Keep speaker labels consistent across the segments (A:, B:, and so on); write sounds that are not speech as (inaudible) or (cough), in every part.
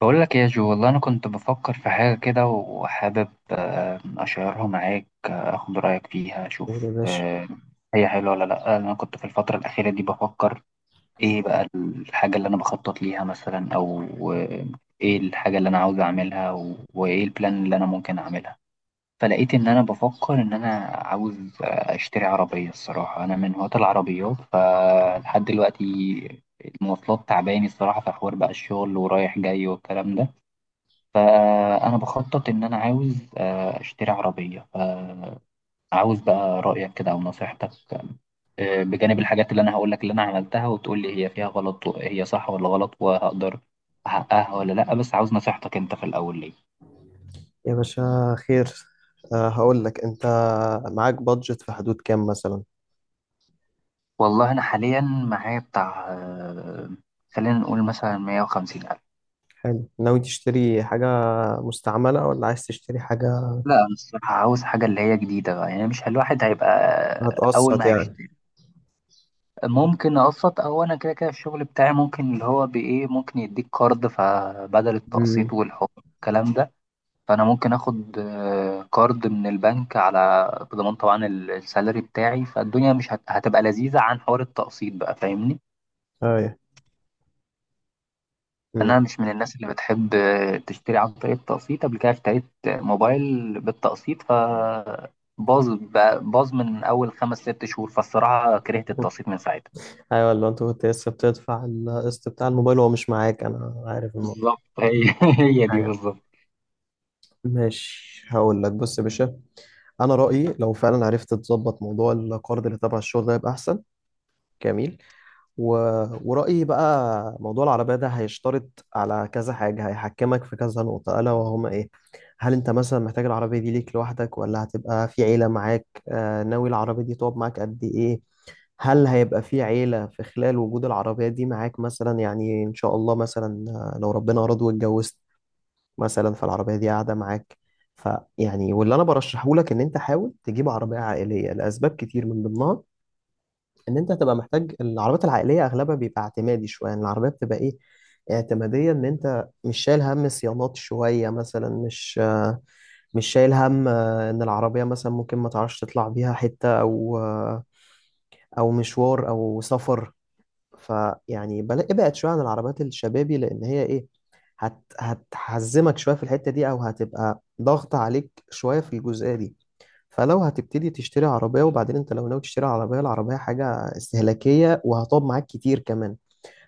A: بقول لك يا جو، والله انا كنت بفكر في حاجه كده وحابب اشيرها معاك، اخد رايك فيها
B: قول يا
A: اشوف.
B: باشا.
A: هي حلوه ولا لا؟ انا كنت في الفتره الاخيره دي بفكر ايه بقى الحاجه اللي انا بخطط ليها مثلا، او آه، ايه الحاجه اللي انا عاوز اعملها وايه البلان اللي انا ممكن اعملها. فلقيت ان انا بفكر ان انا عاوز اشتري عربيه. الصراحه انا من هواة العربيات، فلحد دلوقتي المواصلات تعباني الصراحه، في حوار بقى الشغل ورايح جاي والكلام ده. فأنا بخطط إن أنا عاوز أشتري عربية. فعاوز بقى رأيك كده أو نصيحتك، بجانب الحاجات اللي أنا هقولك اللي أنا عملتها، وتقول لي هي فيها غلط، هي صح ولا غلط، وهقدر أحققها ولا لأ. بس عاوز نصيحتك أنت في الأول ليه.
B: يا باشا خير. هقول لك انت، معاك بادجت في حدود كام مثلا؟
A: والله أنا حاليا معايا بتاع خلينا نقول مثلا 150 ألف.
B: حلو. ناوي تشتري حاجة مستعملة ولا عايز تشتري حاجة؟
A: لا أنا الصراحة عاوز حاجة اللي هي جديدة بقى، يعني مش الواحد هيبقى أول
B: هتقسط
A: ما
B: يعني؟
A: هيشتري. ممكن اقسط، او انا كده كده الشغل بتاعي ممكن اللي هو بايه ممكن يديك كارد، فبدل التقسيط
B: امم
A: والحكم الكلام ده فانا ممكن اخد كارد من البنك على بضمان طبعا السالري بتاعي، فالدنيا مش هتبقى لذيذة عن حوار التقسيط بقى، فاهمني.
B: ايوه. مم.
A: انا مش من الناس اللي بتحب تشتري عن طريق التقسيط. قبل كده اشتريت موبايل بالتقسيط ف باظ من اول خمس ست شهور، فالصراحة كرهت التقسيط
B: (laughs)
A: من ساعتها.
B: ايوه، ولا انت كنت لسه بتدفع القسط بتاع الموبايل وهو مش معاك؟ انا عارف الموضوع.
A: بالظبط هي (laughs) هي دي
B: ايوه.
A: بالظبط.
B: ماشي، هقول لك، بص يا باشا، انا رأيي لو فعلا عرفت تظبط موضوع القرض اللي تبع الشغل ده يبقى احسن. جميل. و... ورأيي بقى موضوع العربية ده هيشترط على كذا حاجة، هيحكمك في كذا نقطة، ألا وهما إيه. هل أنت مثلا محتاج العربية دي ليك لوحدك ولا هتبقى في عيلة معاك؟ آه، ناوي العربية دي تقعد معاك قد إيه؟ هل هيبقى في عيلة في خلال وجود العربية دي معاك؟ مثلا يعني إن شاء الله، مثلا لو ربنا أراد واتجوزت مثلا، فالعربية دي قاعدة معاك. فيعني، واللي أنا برشحه لك إن أنت حاول تجيب عربية عائلية لأسباب كتير، من ضمنها ان انت هتبقى محتاج العربيات العائليه، اغلبها بيبقى اعتمادي شويه، يعني العربيه بتبقى ايه، اعتماديه، ان انت مش شايل هم صيانات شويه، مثلا مش شايل هم، ان العربيه مثلا ممكن ما تعرفش تطلع بيها حته او او مشوار او سفر. فيعني ابعد شويه عن العربيات الشبابي، لان هي ايه، هتحزمك شويه في الحته دي، او هتبقى ضغط عليك شويه في الجزئيه دي. فلو هتبتدي تشتري عربية، وبعدين انت لو ناوي تشتري عربية، العربية حاجة استهلاكية وهتقعد معاك كتير كمان.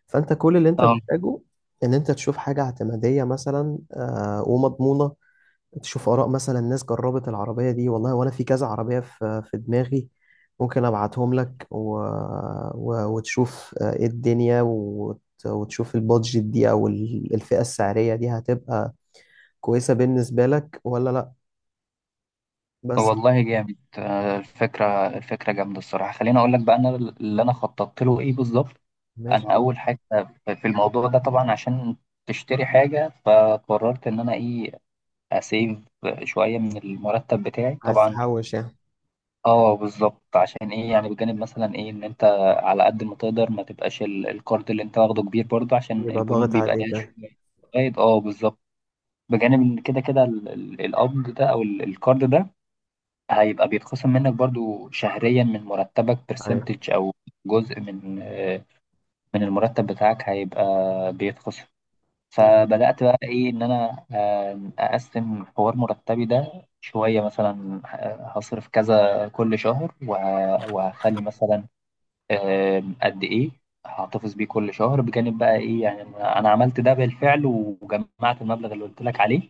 B: فانت كل اللي انت محتاجه ان انت تشوف حاجة اعتمادية مثلا، ومضمونة. تشوف آراء مثلا ناس جربت العربية دي. والله وانا في كذا عربية في دماغي، ممكن ابعتهم لك، وتشوف ايه الدنيا، وتشوف البادجت دي او الفئة السعرية دي هتبقى كويسة بالنسبة لك ولا لا. بس
A: والله جامد الفكرة جامدة الصراحة. خليني أقول لك بقى أنا اللي أنا خططت له إيه بالظبط. أنا
B: ماشي.
A: أول حاجة في الموضوع ده طبعا عشان تشتري حاجة، فقررت إن أنا إيه، أسيف شوية من المرتب بتاعي
B: عايز
A: طبعا.
B: تحوش يعني؟
A: أه بالظبط عشان إيه، يعني بجانب مثلا إيه إن أنت على قد ما تقدر ما تبقاش الكارد اللي أنت واخده كبير، برضه عشان
B: يبقى
A: البنوك
B: ضاغط
A: بيبقى ليها
B: عليك، أه.
A: شوية. أه بالظبط. بجانب إن كده كده القبض ده أو الكارد ده هيبقى بيتخصم منك برضو شهريا من مرتبك
B: ايوه.
A: برسنتج، او جزء من من المرتب بتاعك هيبقى بيتخصم. فبدأت بقى ايه ان انا اقسم حوار مرتبي ده شوية، مثلا هصرف كذا كل شهر، وهخلي مثلا قد ايه هحتفظ بيه كل شهر. بجانب بقى ايه، يعني أنا عملت ده بالفعل وجمعت المبلغ اللي قلت لك عليه.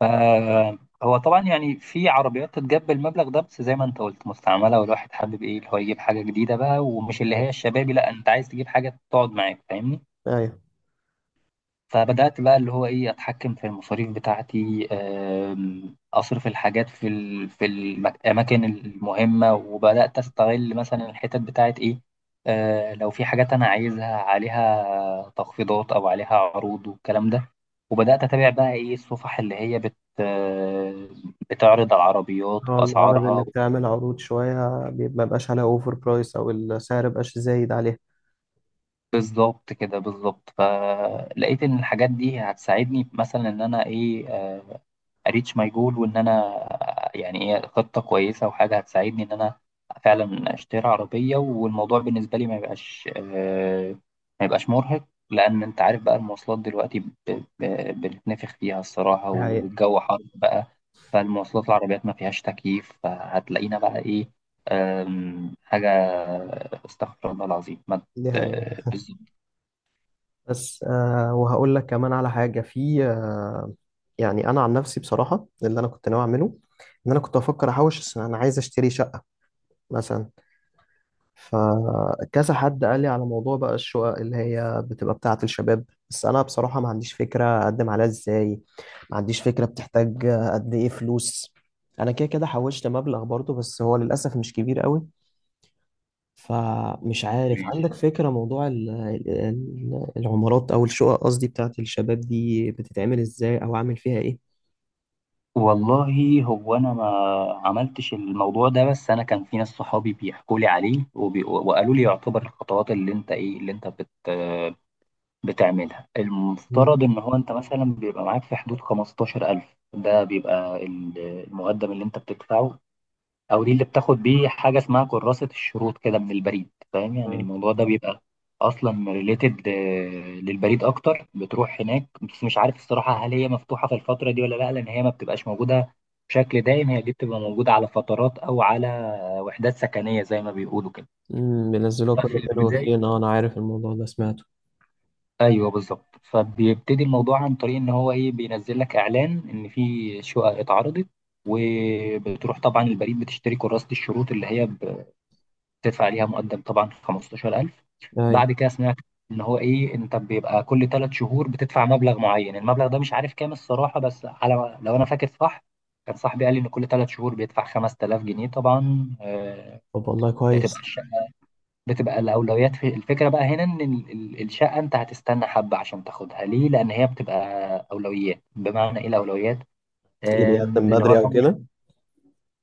A: فهو طبعا يعني في عربيات تتجاب المبلغ ده، بس زي ما انت قلت مستعمله، والواحد حابب ايه اللي هو يجيب حاجه جديده بقى، ومش اللي
B: ايوه.
A: هي الشبابي. لا انت عايز تجيب حاجه تقعد معاك، فاهمني.
B: ايوه.
A: فبدأت بقى اللي هو إيه أتحكم في المصاريف بتاعتي، أصرف الحاجات في الأماكن المهمة، وبدأت أستغل مثلا الحتت بتاعت إيه، لو في حاجات أنا عايزها عليها تخفيضات أو عليها عروض والكلام ده. وبدأت أتابع بقى إيه الصفح اللي هي بت آه، بتعرض على العربيات
B: هو المعارض اللي
A: وأسعارها.
B: بتعمل عروض شوية ما بقاش عليها اوفر برايس، او السعر مبقاش زايد عليها.
A: بالظبط كده بالظبط. فلقيت إن الحاجات دي هتساعدني مثلا إن أنا إيه، اريتش ماي جول، وان انا يعني ايه خطه كويسه، وحاجه هتساعدني ان انا فعلا اشتري عربيه، والموضوع بالنسبه لي ما يبقاش ما يبقاش مرهق. لان انت عارف بقى المواصلات دلوقتي بنتنفخ فيها الصراحه،
B: دي حقيقة.
A: والجو حر بقى. فالمواصلات العربيات ما فيهاش تكييف، فهتلاقينا بقى ايه، حاجه استغفر الله العظيم ما
B: دي حقيقة.
A: بالظبط.
B: بس آه، وهقول لك كمان على حاجة، في آه، يعني انا عن نفسي بصراحة اللي انا كنت ناوي اعمله ان انا كنت افكر احوش، أصل انا عايز اشتري شقة مثلا. فكذا حد قال لي على موضوع بقى الشقق اللي هي بتبقى بتاعة الشباب، بس أنا بصراحة ما عنديش فكرة أقدم عليها إزاي، ما عنديش فكرة بتحتاج قد إيه فلوس. أنا كده كده حوشت مبلغ برضه، بس هو للأسف مش كبير قوي. فمش عارف عندك
A: ماشي.
B: فكرة موضوع العمارات أو الشقق، قصدي بتاعة الشباب دي، بتتعمل إزاي أو أعمل فيها إيه؟
A: والله هو انا ما عملتش الموضوع ده، بس انا كان في ناس صحابي بيحكوا لي عليه، وقالوا لي يعتبر الخطوات اللي انت ايه اللي انت بتعملها.
B: مم.
A: المفترض ان هو انت مثلا بيبقى معاك في حدود 15,000، ده بيبقى المقدم اللي انت بتدفعه، او دي اللي بتاخد بيه حاجه اسمها كراسه الشروط كده من البريد. فاهم، يعني
B: آه.
A: الموضوع ده بيبقى اصلا ريليتد للبريد اكتر، بتروح هناك. بس مش عارف الصراحه هل هي مفتوحه في الفتره دي ولا لا، لان هي ما بتبقاش موجوده بشكل دائم. هي دي بتبقى موجوده على فترات، او على وحدات سكنيه زي ما بيقولوا كده.
B: مم، بينزلوها كل
A: ففي
B: فين
A: البدايه،
B: وفين، أه أنا عارف الموضوع ده، سمعته.
A: ايوه بالظبط، فبيبتدي الموضوع عن طريق ان هو ايه، بينزل لك اعلان ان في شقق اتعرضت. وبتروح طبعا البريد بتشتري كراسة الشروط، اللي هي تدفع عليها مقدم طبعا 15,000.
B: أيوة.
A: بعد كده سمعت ان هو ايه، انت بيبقى كل ثلاث شهور بتدفع مبلغ معين. المبلغ ده مش عارف كام الصراحه، بس على لو انا فاكر صح كان صاحبي قال لي ان كل ثلاث شهور بيدفع 5,000 جنيه طبعا.
B: طب والله
A: بتبقى
B: كويس.
A: الشقه، بتبقى الاولويات في الفكره بقى هنا ان الشقه انت هتستنى حبه عشان تاخدها. ليه؟ لان هي بتبقى اولويات. بمعنى ايه الاولويات؟
B: اللي بيقدم
A: اللي هو
B: بدري أو
A: اول
B: كده؟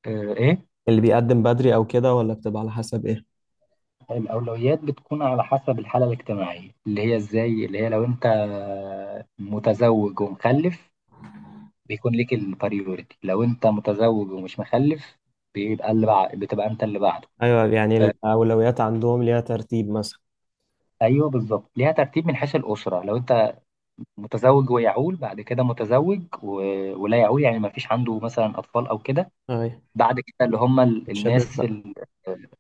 A: آه، ايه،
B: اللي بيقدم بدري او كده ولا بتبقى على حسب ايه؟
A: الأولويات بتكون على حسب الحالة الاجتماعية اللي هي إزاي. اللي هي لو أنت متزوج ومخلف بيكون ليك البريوريتي. لو أنت متزوج ومش مخلف بيبقى اللي بتبقى أنت اللي بعده.
B: ايوه، يعني الاولويات عندهم ليها ترتيب مثلا؟
A: أيوه بالظبط، ليها ترتيب من حيث الأسرة. لو أنت متزوج ويعول، بعد كده متزوج ولا يعول، يعني ما فيش عنده مثلا أطفال أو كده.
B: ايوه.
A: بعد كده اللي هم
B: الشباب
A: الناس
B: بقى.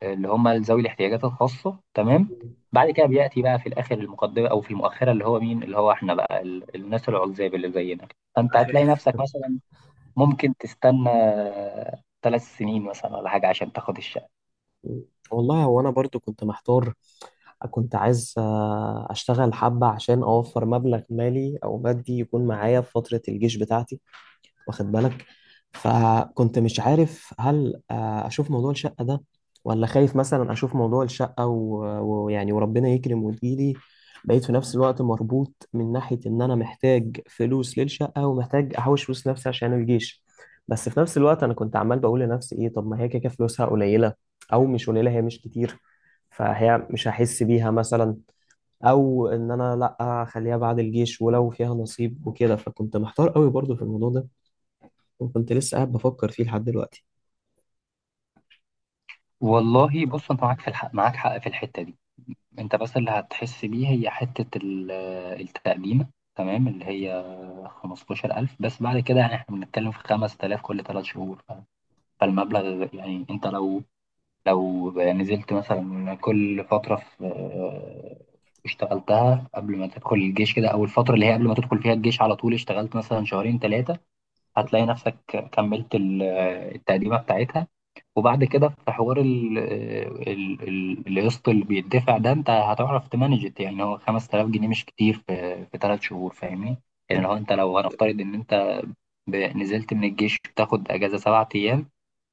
A: اللي هم ذوي الاحتياجات الخاصة، تمام. بعد كده بيأتي بقى في الآخر المقدمة أو في المؤخرة، اللي هو مين، اللي هو إحنا بقى الناس العزاب اللي زينا. فأنت هتلاقي
B: (laughs)
A: نفسك مثلا ممكن تستنى ثلاث سنين مثلا ولا حاجة عشان تاخد الشقة.
B: والله هو انا برضو كنت محتار، كنت عايز اشتغل حبة عشان اوفر مبلغ مالي او مادي يكون معايا في فترة الجيش بتاعتي، واخد بالك؟ فكنت مش عارف هل اشوف موضوع الشقة ده، ولا خايف مثلا اشوف موضوع الشقة ويعني وربنا يكرم وتجيلي، بقيت في نفس الوقت مربوط من ناحية ان انا محتاج فلوس للشقة ومحتاج احوش فلوس لنفسي عشان الجيش. بس في نفس الوقت انا كنت عمال بقول لنفسي ايه، طب ما هي كده كده فلوسها قليلة، او مش قليلة، هي مش كتير، فهي مش هحس بيها مثلا. او ان انا لا، اخليها بعد الجيش ولو فيها نصيب وكده. فكنت محتار قوي برضو في الموضوع ده، وكنت لسه قاعد بفكر فيه لحد دلوقتي.
A: والله بص، أنت معاك في الحق، معاك حق في الحتة دي. أنت بس اللي هتحس بيه هي حتة التقديمة، تمام، اللي هي 15,000 بس. بعد كده يعني إحنا بنتكلم في 5,000 كل ثلاث شهور. فالمبلغ يعني انت لو يعني نزلت مثلا كل فترة في اشتغلتها قبل ما تدخل الجيش كده، او الفترة اللي هي قبل ما تدخل فيها الجيش على طول اشتغلت مثلا شهرين ثلاثة، هتلاقي نفسك كملت التقديمة بتاعتها. وبعد كده في حوار القسط اللي بيدفع ده، انت هتعرف تمانجت. يعني هو 5,000 جنيه مش كتير في في ثلاث شهور، فاهمني. يعني لو انت لو هنفترض ان انت نزلت من الجيش بتاخد اجازة 7 ايام،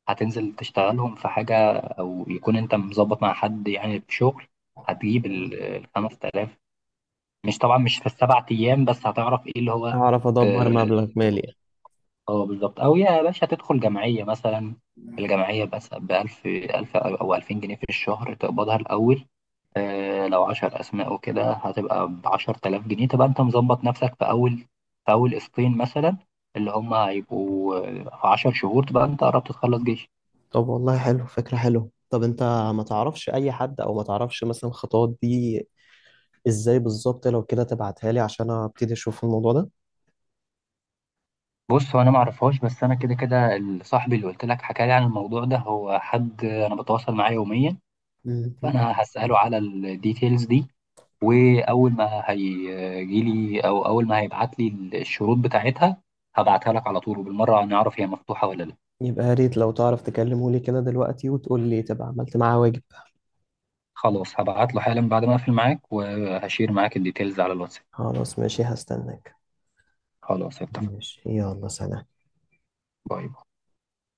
A: هتنزل تشتغلهم في حاجة، أو يكون أنت مظبط مع حد يعني في شغل هتجيب الخمس تلاف. مش طبعا مش في ال7 أيام، بس هتعرف إيه اللي هو
B: هعرف
A: ت-
B: أدبر مبلغ مالي.
A: اه بالظبط. أو يا باشا تدخل جمعية مثلا. الجمعية بس بألف، ألف أو ألفين جنيه في الشهر تقبضها الأول. لو 10 أسماء وكده هتبقى بـ10,000 جنيه، تبقى أنت مظبط نفسك في أول قسطين مثلا، اللي هم هيبقوا في 10 شهور، تبقى أنت قربت تخلص جيش.
B: طب والله حلو، فكرة حلوة. طب أنت ما تعرفش أي حد، أو ما تعرفش مثلا الخطوات دي إزاي بالظبط؟ لو كده تبعتها لي عشان أبتدي أشوف الموضوع ده.
A: بص هو انا ما اعرفهاش، بس انا كده كده صاحبي اللي قلت لك حكى لي عن الموضوع ده هو حد انا بتواصل معاه يوميا.
B: مهم.
A: فانا هساله على الديتيلز دي، واول ما هيجي لي او اول ما هيبعت لي الشروط بتاعتها هبعتها لك على طول، وبالمره هنعرف هي مفتوحه ولا لا.
B: يبقى يا ريت لو تعرف تكلمه لي كده دلوقتي وتقول لي، تبقى عملت معاه واجب.
A: خلاص هبعت له حالا بعد ما اقفل معاك، وهشير معاك الديتيلز على الواتساب.
B: خلاص ماشي، هستناك.
A: خلاص اتفق.
B: ماشي، يلا سلام.
A: باي باي.